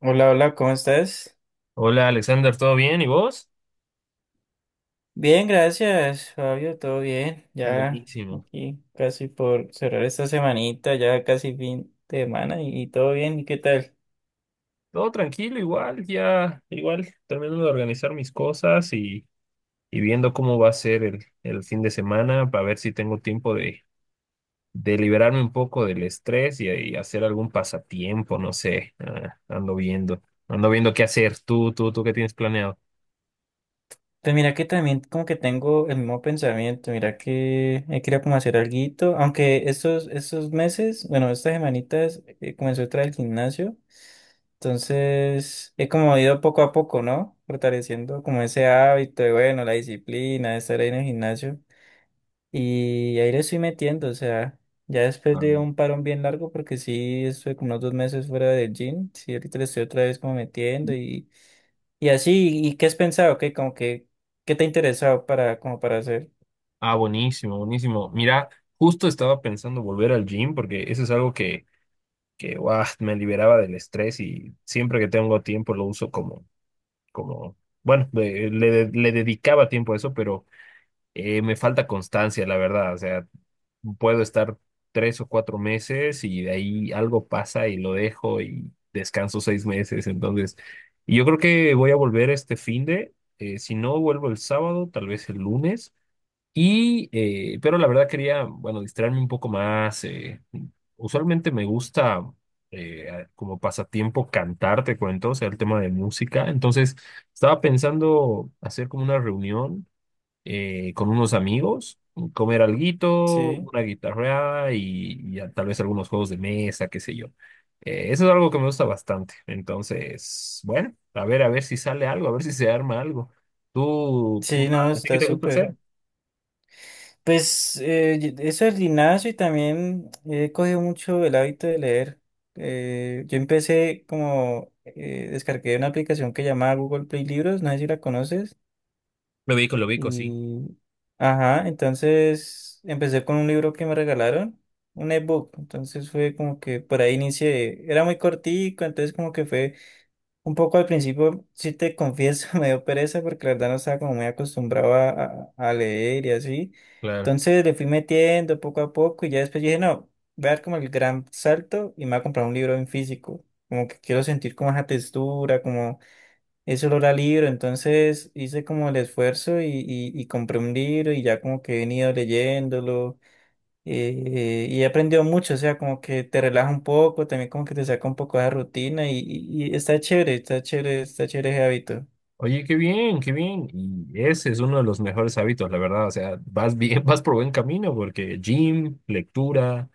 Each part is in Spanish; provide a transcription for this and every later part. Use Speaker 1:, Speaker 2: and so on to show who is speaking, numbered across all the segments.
Speaker 1: Hola, hola, ¿cómo estás?
Speaker 2: Hola Alexander, ¿todo bien? ¿Y vos?
Speaker 1: Bien, gracias, Fabio, todo bien. Ya
Speaker 2: Buenísimo.
Speaker 1: aquí casi por cerrar esta semanita, ya casi fin de semana y todo bien, ¿y qué tal?
Speaker 2: Todo tranquilo, igual, ya, igual, terminando de organizar mis cosas y viendo cómo va a ser el fin de semana para ver si tengo tiempo de liberarme un poco del estrés y hacer algún pasatiempo, no sé. Ah, ando viendo qué hacer. ¿Qué tienes planeado?
Speaker 1: Pues mira que también como que tengo el mismo pensamiento, mira que he querido como hacer alguito, aunque estos meses, bueno, estas semanitas comencé otra del gimnasio, entonces he como ido poco a poco, ¿no? Fortaleciendo como ese hábito de, bueno, la disciplina de estar ahí en el gimnasio. Y ahí le estoy metiendo, o sea, ya después
Speaker 2: Ah.
Speaker 1: de un parón bien largo, porque sí estuve como unos dos meses fuera del gym, sí, ahorita le estoy otra vez como metiendo y así, ¿y qué has pensado? ¿Qué, como que, qué te ha interesado para, como para hacer?
Speaker 2: Ah, buenísimo, buenísimo. Mira, justo estaba pensando volver al gym porque eso es algo que guau, me liberaba del estrés y siempre que tengo tiempo lo uso como, bueno, le dedicaba tiempo a eso, pero me falta constancia, la verdad. O sea, puedo estar 3 o 4 meses y de ahí algo pasa y lo dejo y descanso 6 meses. Entonces, y yo creo que voy a volver si no vuelvo el sábado, tal vez el lunes. Y, pero la verdad quería, bueno, distraerme un poco más. Usualmente me gusta como pasatiempo cantar, te cuento, o sea, el tema de música. Entonces, estaba pensando hacer como una reunión con unos amigos, comer alguito,
Speaker 1: Sí,
Speaker 2: una guitarra y tal vez algunos juegos de mesa, qué sé yo. Eso es algo que me gusta bastante. Entonces, bueno, a ver si sale algo, a ver si se arma algo. ¿Tú, tú,
Speaker 1: sí, no,
Speaker 2: a ti qué
Speaker 1: está
Speaker 2: te gusta
Speaker 1: súper.
Speaker 2: hacer?
Speaker 1: Pues y- eso del gimnasio y también he cogido mucho el hábito de leer. Yo empecé como, descargué una aplicación que llamaba Google Play Libros, no sé si la conoces.
Speaker 2: Lo ubico, sí,
Speaker 1: Y, ajá, entonces empecé con un libro que me regalaron, un ebook. Entonces fue como que por ahí inicié. Era muy cortico, entonces como que fue un poco al principio, si te confieso, me dio pereza porque la verdad no estaba como muy acostumbrado a leer y así.
Speaker 2: claro.
Speaker 1: Entonces le fui metiendo poco a poco y ya después dije, no, voy a dar como el gran salto y me voy a comprar un libro en físico. Como que quiero sentir como esa textura, eso lo era libro, entonces hice como el esfuerzo y compré un libro y ya como que he venido leyéndolo y he aprendido mucho, o sea, como que te relaja un poco, también como que te saca un poco de la rutina y está chévere, está chévere, está chévere ese hábito.
Speaker 2: Oye, qué bien, qué bien. Y ese es uno de los mejores hábitos, la verdad. O sea, vas bien, vas por buen camino porque gym, lectura,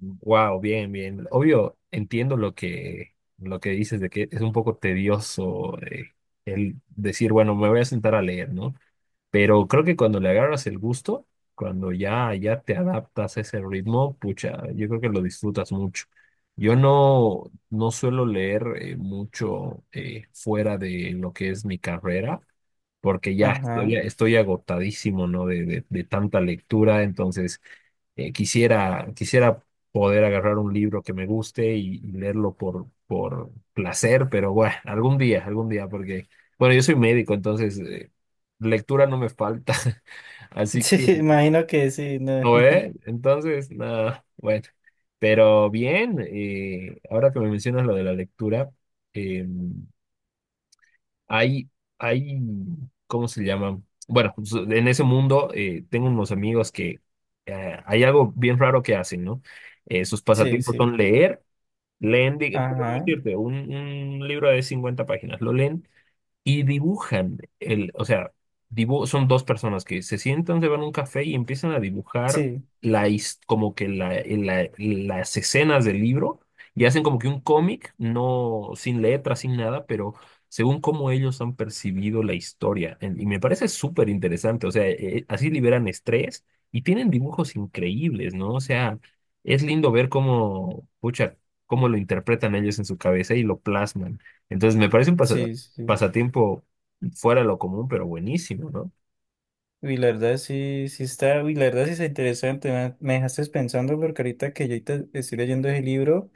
Speaker 2: wow, bien, bien. Obvio, entiendo lo que dices de que es un poco tedioso el decir, bueno, me voy a sentar a leer, ¿no? Pero creo que cuando le agarras el gusto, cuando ya te adaptas a ese ritmo, pucha, yo creo que lo disfrutas mucho. Yo no suelo leer mucho fuera de lo que es mi carrera, porque ya estoy,
Speaker 1: Ajá.
Speaker 2: estoy agotadísimo, ¿no? De tanta lectura, entonces quisiera, quisiera poder agarrar un libro que me guste y leerlo por placer, pero bueno, algún día, porque, bueno, yo soy médico, entonces lectura no me falta. Así
Speaker 1: Sí,
Speaker 2: que,
Speaker 1: imagino que sí, no.
Speaker 2: ¿no eh? Entonces, nada, bueno. Pero bien, ahora que me mencionas lo de la lectura, eh, hay, hay, ¿cómo se llama? Bueno, pues, en ese mundo tengo unos amigos que hay algo bien raro que hacen, ¿no? Sus
Speaker 1: Sí,
Speaker 2: pasatiempos
Speaker 1: sí.
Speaker 2: son leer, leen, digo, te
Speaker 1: Ajá.
Speaker 2: decirte, un libro de 50 páginas, lo leen y dibujan o sea, son dos personas que se sientan, se van a un café y empiezan a dibujar
Speaker 1: Sí,
Speaker 2: como que las escenas del libro y hacen como que un cómic, no sin letras, sin nada, pero según cómo ellos han percibido la historia. Y me parece súper interesante, o sea, así liberan estrés y tienen dibujos increíbles, ¿no? O sea, es lindo ver cómo, pucha, cómo lo interpretan ellos en su cabeza y lo plasman. Entonces, me parece
Speaker 1: sí, sí.
Speaker 2: pasatiempo fuera de lo común, pero buenísimo, ¿no?
Speaker 1: Y la verdad sí, sí está, y la verdad sí está interesante, me dejaste pensando porque ahorita que yo ahorita estoy leyendo ese libro.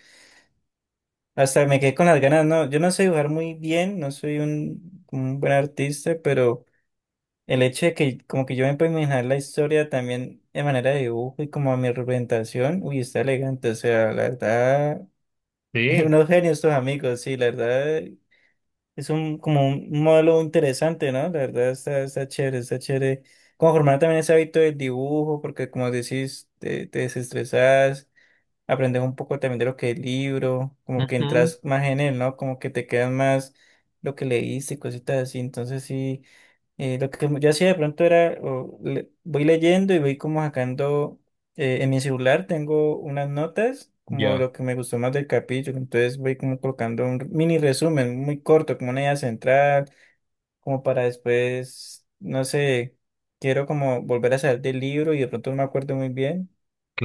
Speaker 1: Hasta me quedé con las ganas, no, yo no sé dibujar muy bien, no soy un buen artista, pero el hecho de que como que yo me puedo imaginar la historia también de manera de dibujo y como a mi representación, uy, está elegante, o sea, la verdad,
Speaker 2: Sí.
Speaker 1: unos genios estos amigos, sí, la verdad, es un como un modelo interesante, ¿no? La verdad está, está chévere, está chévere. Como formar también ese hábito del dibujo, porque como decís, te desestresás aprendes un poco también de lo que es el libro, como que
Speaker 2: Ujú.
Speaker 1: entras más en él, ¿no? Como que te quedan más lo que leíste y cositas así. Entonces sí, lo que yo hacía de pronto era, o le- voy leyendo y voy como sacando, en mi celular tengo unas notas, como
Speaker 2: Ya,
Speaker 1: lo que me gustó más del capítulo, entonces voy como colocando un mini resumen muy corto, como una idea central como para después, no sé, quiero como volver a salir del libro y de pronto no me acuerdo muy bien.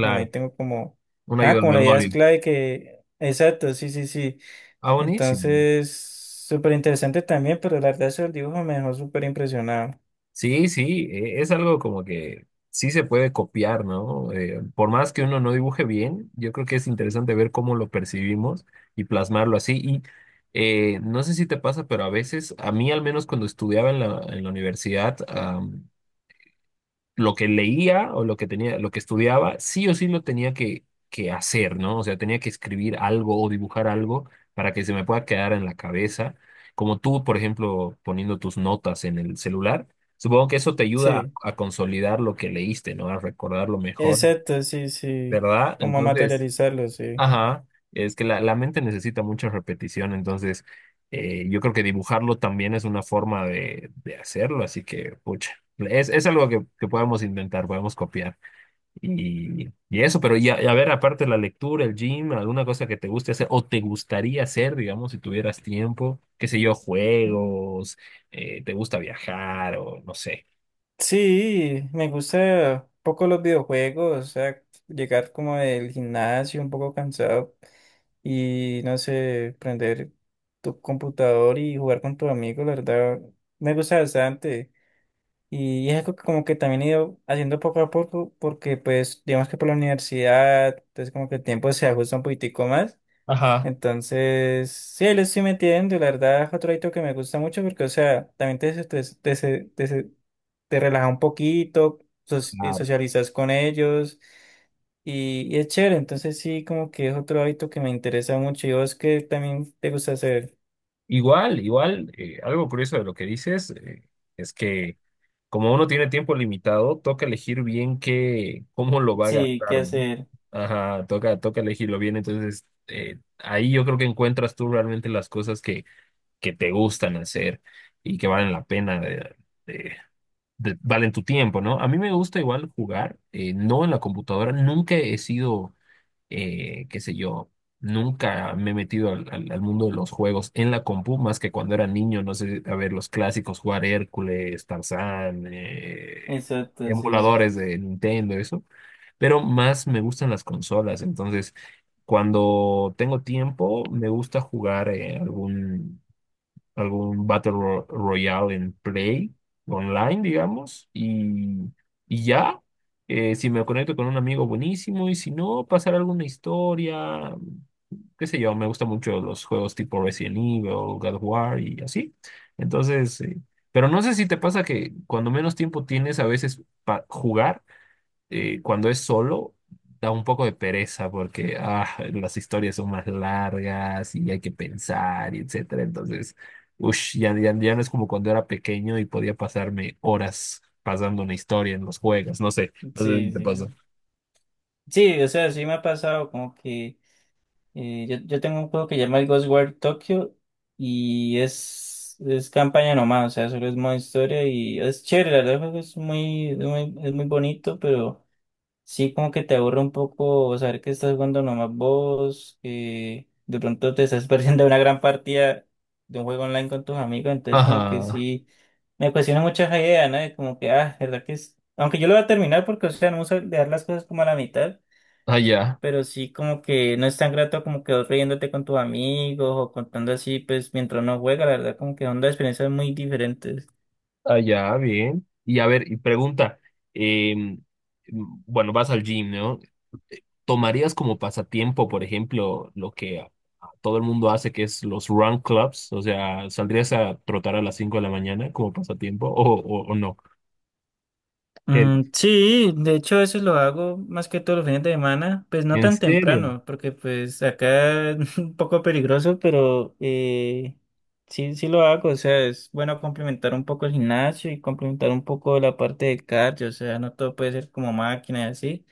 Speaker 1: Bueno, ahí tengo como,
Speaker 2: Una
Speaker 1: ah,
Speaker 2: ayuda al
Speaker 1: como la idea es
Speaker 2: memoria.
Speaker 1: clave que, exacto, sí, sí, sí.
Speaker 2: Ah, buenísimo.
Speaker 1: Entonces, súper interesante también, pero la verdad eso del dibujo me dejó súper impresionado.
Speaker 2: Sí, sí, es algo como que sí se puede copiar, ¿no? Por más que uno no dibuje bien, yo creo que es interesante ver cómo lo percibimos y plasmarlo así. Y no sé si te pasa, pero a veces, a mí al menos cuando estudiaba en la universidad, lo que leía o lo que tenía, lo que estudiaba, sí o sí lo tenía que hacer, ¿no? O sea, tenía que escribir algo o dibujar algo para que se me pueda quedar en la cabeza. Como tú, por ejemplo, poniendo tus notas en el celular, supongo que eso te ayuda
Speaker 1: Sí,
Speaker 2: a consolidar lo que leíste, ¿no? A recordarlo mejor,
Speaker 1: exacto, sí, sí,
Speaker 2: ¿verdad?
Speaker 1: como
Speaker 2: Entonces...
Speaker 1: materializarlo, sí.
Speaker 2: Ajá, es que la mente necesita mucha repetición, entonces yo creo que dibujarlo también es una forma de hacerlo, así que, pucha, es algo que podemos intentar, podemos copiar. Y eso, pero ya, a ver, aparte de la lectura, el gym, alguna cosa que te guste hacer o te gustaría hacer, digamos, si tuvieras tiempo, qué sé yo, juegos, te gusta viajar o no sé.
Speaker 1: Sí, me gusta un poco los videojuegos, o sea, llegar como del gimnasio un poco cansado y no sé, prender tu computador y jugar con tu amigo, la verdad, me gusta bastante. Y es algo que como que también he ido haciendo poco a poco, porque pues digamos que por la universidad, entonces como que el tiempo se ajusta un poquitico más.
Speaker 2: Ajá.
Speaker 1: Entonces, sí, ahí lo estoy metiendo, la verdad es otro hábito que me gusta mucho porque, o sea, también te, te, relaja un poquito, so-
Speaker 2: Claro.
Speaker 1: socializas con ellos. Y es chévere, entonces sí, como que es otro hábito que me interesa mucho. ¿Y vos qué también te gusta hacer?
Speaker 2: Igual, igual, algo curioso de lo que dices es que como uno tiene tiempo limitado, toca elegir bien qué, cómo lo va a
Speaker 1: Sí, qué
Speaker 2: gastar, ¿no?
Speaker 1: hacer.
Speaker 2: Ajá, toca, toca elegirlo bien. Entonces, ahí yo creo que encuentras tú realmente las cosas que te gustan hacer y que valen la pena de- valen tu tiempo, ¿no? A mí me gusta igual jugar, no en la computadora, nunca he sido qué sé yo, nunca me he metido al mundo de los juegos en la compu, más que cuando era niño, no sé, a ver, los clásicos, jugar Hércules, Tarzán,
Speaker 1: Exacto, sí.
Speaker 2: emuladores de Nintendo, eso, pero más me gustan las consolas, entonces cuando tengo tiempo me gusta jugar algún Battle Royale en Play, online, digamos, y ya, si me conecto con un amigo, buenísimo, y si no, pasar alguna historia, qué sé yo, me gustan mucho los juegos tipo Resident Evil, God of War y así. Entonces, pero no sé si te pasa que cuando menos tiempo tienes a veces para jugar, cuando es solo, da un poco de pereza porque ah, las historias son más largas y hay que pensar y etcétera. Entonces, ush, ya no es como cuando era pequeño y podía pasarme horas pasando una historia en los juegos. No sé, no sé si
Speaker 1: Sí,
Speaker 2: te pasa.
Speaker 1: sí. Sí, o sea, sí me ha pasado como que yo, yo tengo un juego que se llama el Ghostwire Tokyo y es campaña nomás, o sea, solo es modo historia y es chévere, la verdad, el juego es muy, es muy, es muy bonito, pero. Sí, como que te aburre un poco saber que estás jugando nomás vos, que de pronto te estás perdiendo una gran partida de un juego online con tus amigos, entonces como que
Speaker 2: Ajá,
Speaker 1: sí, me cuestiona mucho esa idea, ¿no? De como que, ah, verdad que es, aunque yo lo voy a terminar porque, o sea, no uso dejar las cosas como a la mitad,
Speaker 2: allá,
Speaker 1: pero sí como que no es tan grato como que vos riéndote con tus amigos o contando así, pues mientras uno juega, la verdad como que son dos experiencias muy diferentes.
Speaker 2: allá, bien. Y a ver, y pregunta, em, bueno, vas al gym, ¿no? ¿Tomarías como pasatiempo, por ejemplo, lo que a todo el mundo hace, que es los run clubs? O sea, ¿saldrías a trotar a las 5 de la mañana como pasatiempo o no? ¿Qué?
Speaker 1: Mm, sí, de hecho eso lo hago más que todos los fines de semana, pues no
Speaker 2: ¿En
Speaker 1: tan
Speaker 2: serio?
Speaker 1: temprano, porque pues acá es un poco peligroso, pero sí, sí lo hago, o sea, es bueno complementar un poco el gimnasio y complementar un poco la parte del cardio, o sea, no todo puede ser como máquina y así,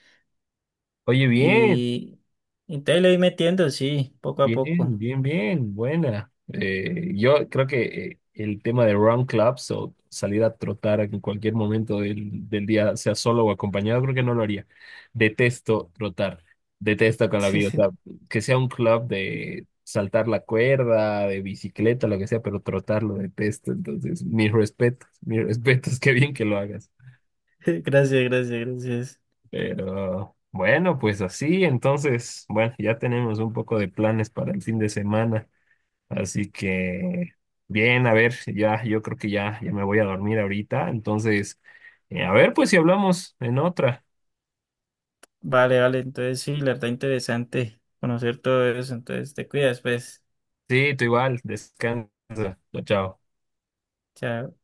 Speaker 2: Oye, bien.
Speaker 1: y, y te le voy metiendo, sí, poco a poco.
Speaker 2: Bien, bien, bien, buena. Yo creo que el tema de run clubs o salir a trotar en cualquier momento del día, sea solo o acompañado, creo que no lo haría. Detesto trotar, detesto con la
Speaker 1: Sí,
Speaker 2: vida. O sea,
Speaker 1: sí.
Speaker 2: que sea un club de saltar la cuerda, de bicicleta, lo que sea, pero trotar lo detesto. Entonces, mis respetos, qué bien que lo hagas.
Speaker 1: Gracias, gracias, gracias.
Speaker 2: Pero bueno, pues así, entonces, bueno, ya tenemos un poco de planes para el fin de semana. Así que, bien, a ver, ya, yo creo que ya me voy a dormir ahorita. Entonces, a ver, pues si hablamos en otra.
Speaker 1: Vale, vale, entonces sí, la verdad interesante conocer todo eso, entonces te cuidas, pues.
Speaker 2: Sí, tú igual, descansa. Chao, chao.
Speaker 1: Chao.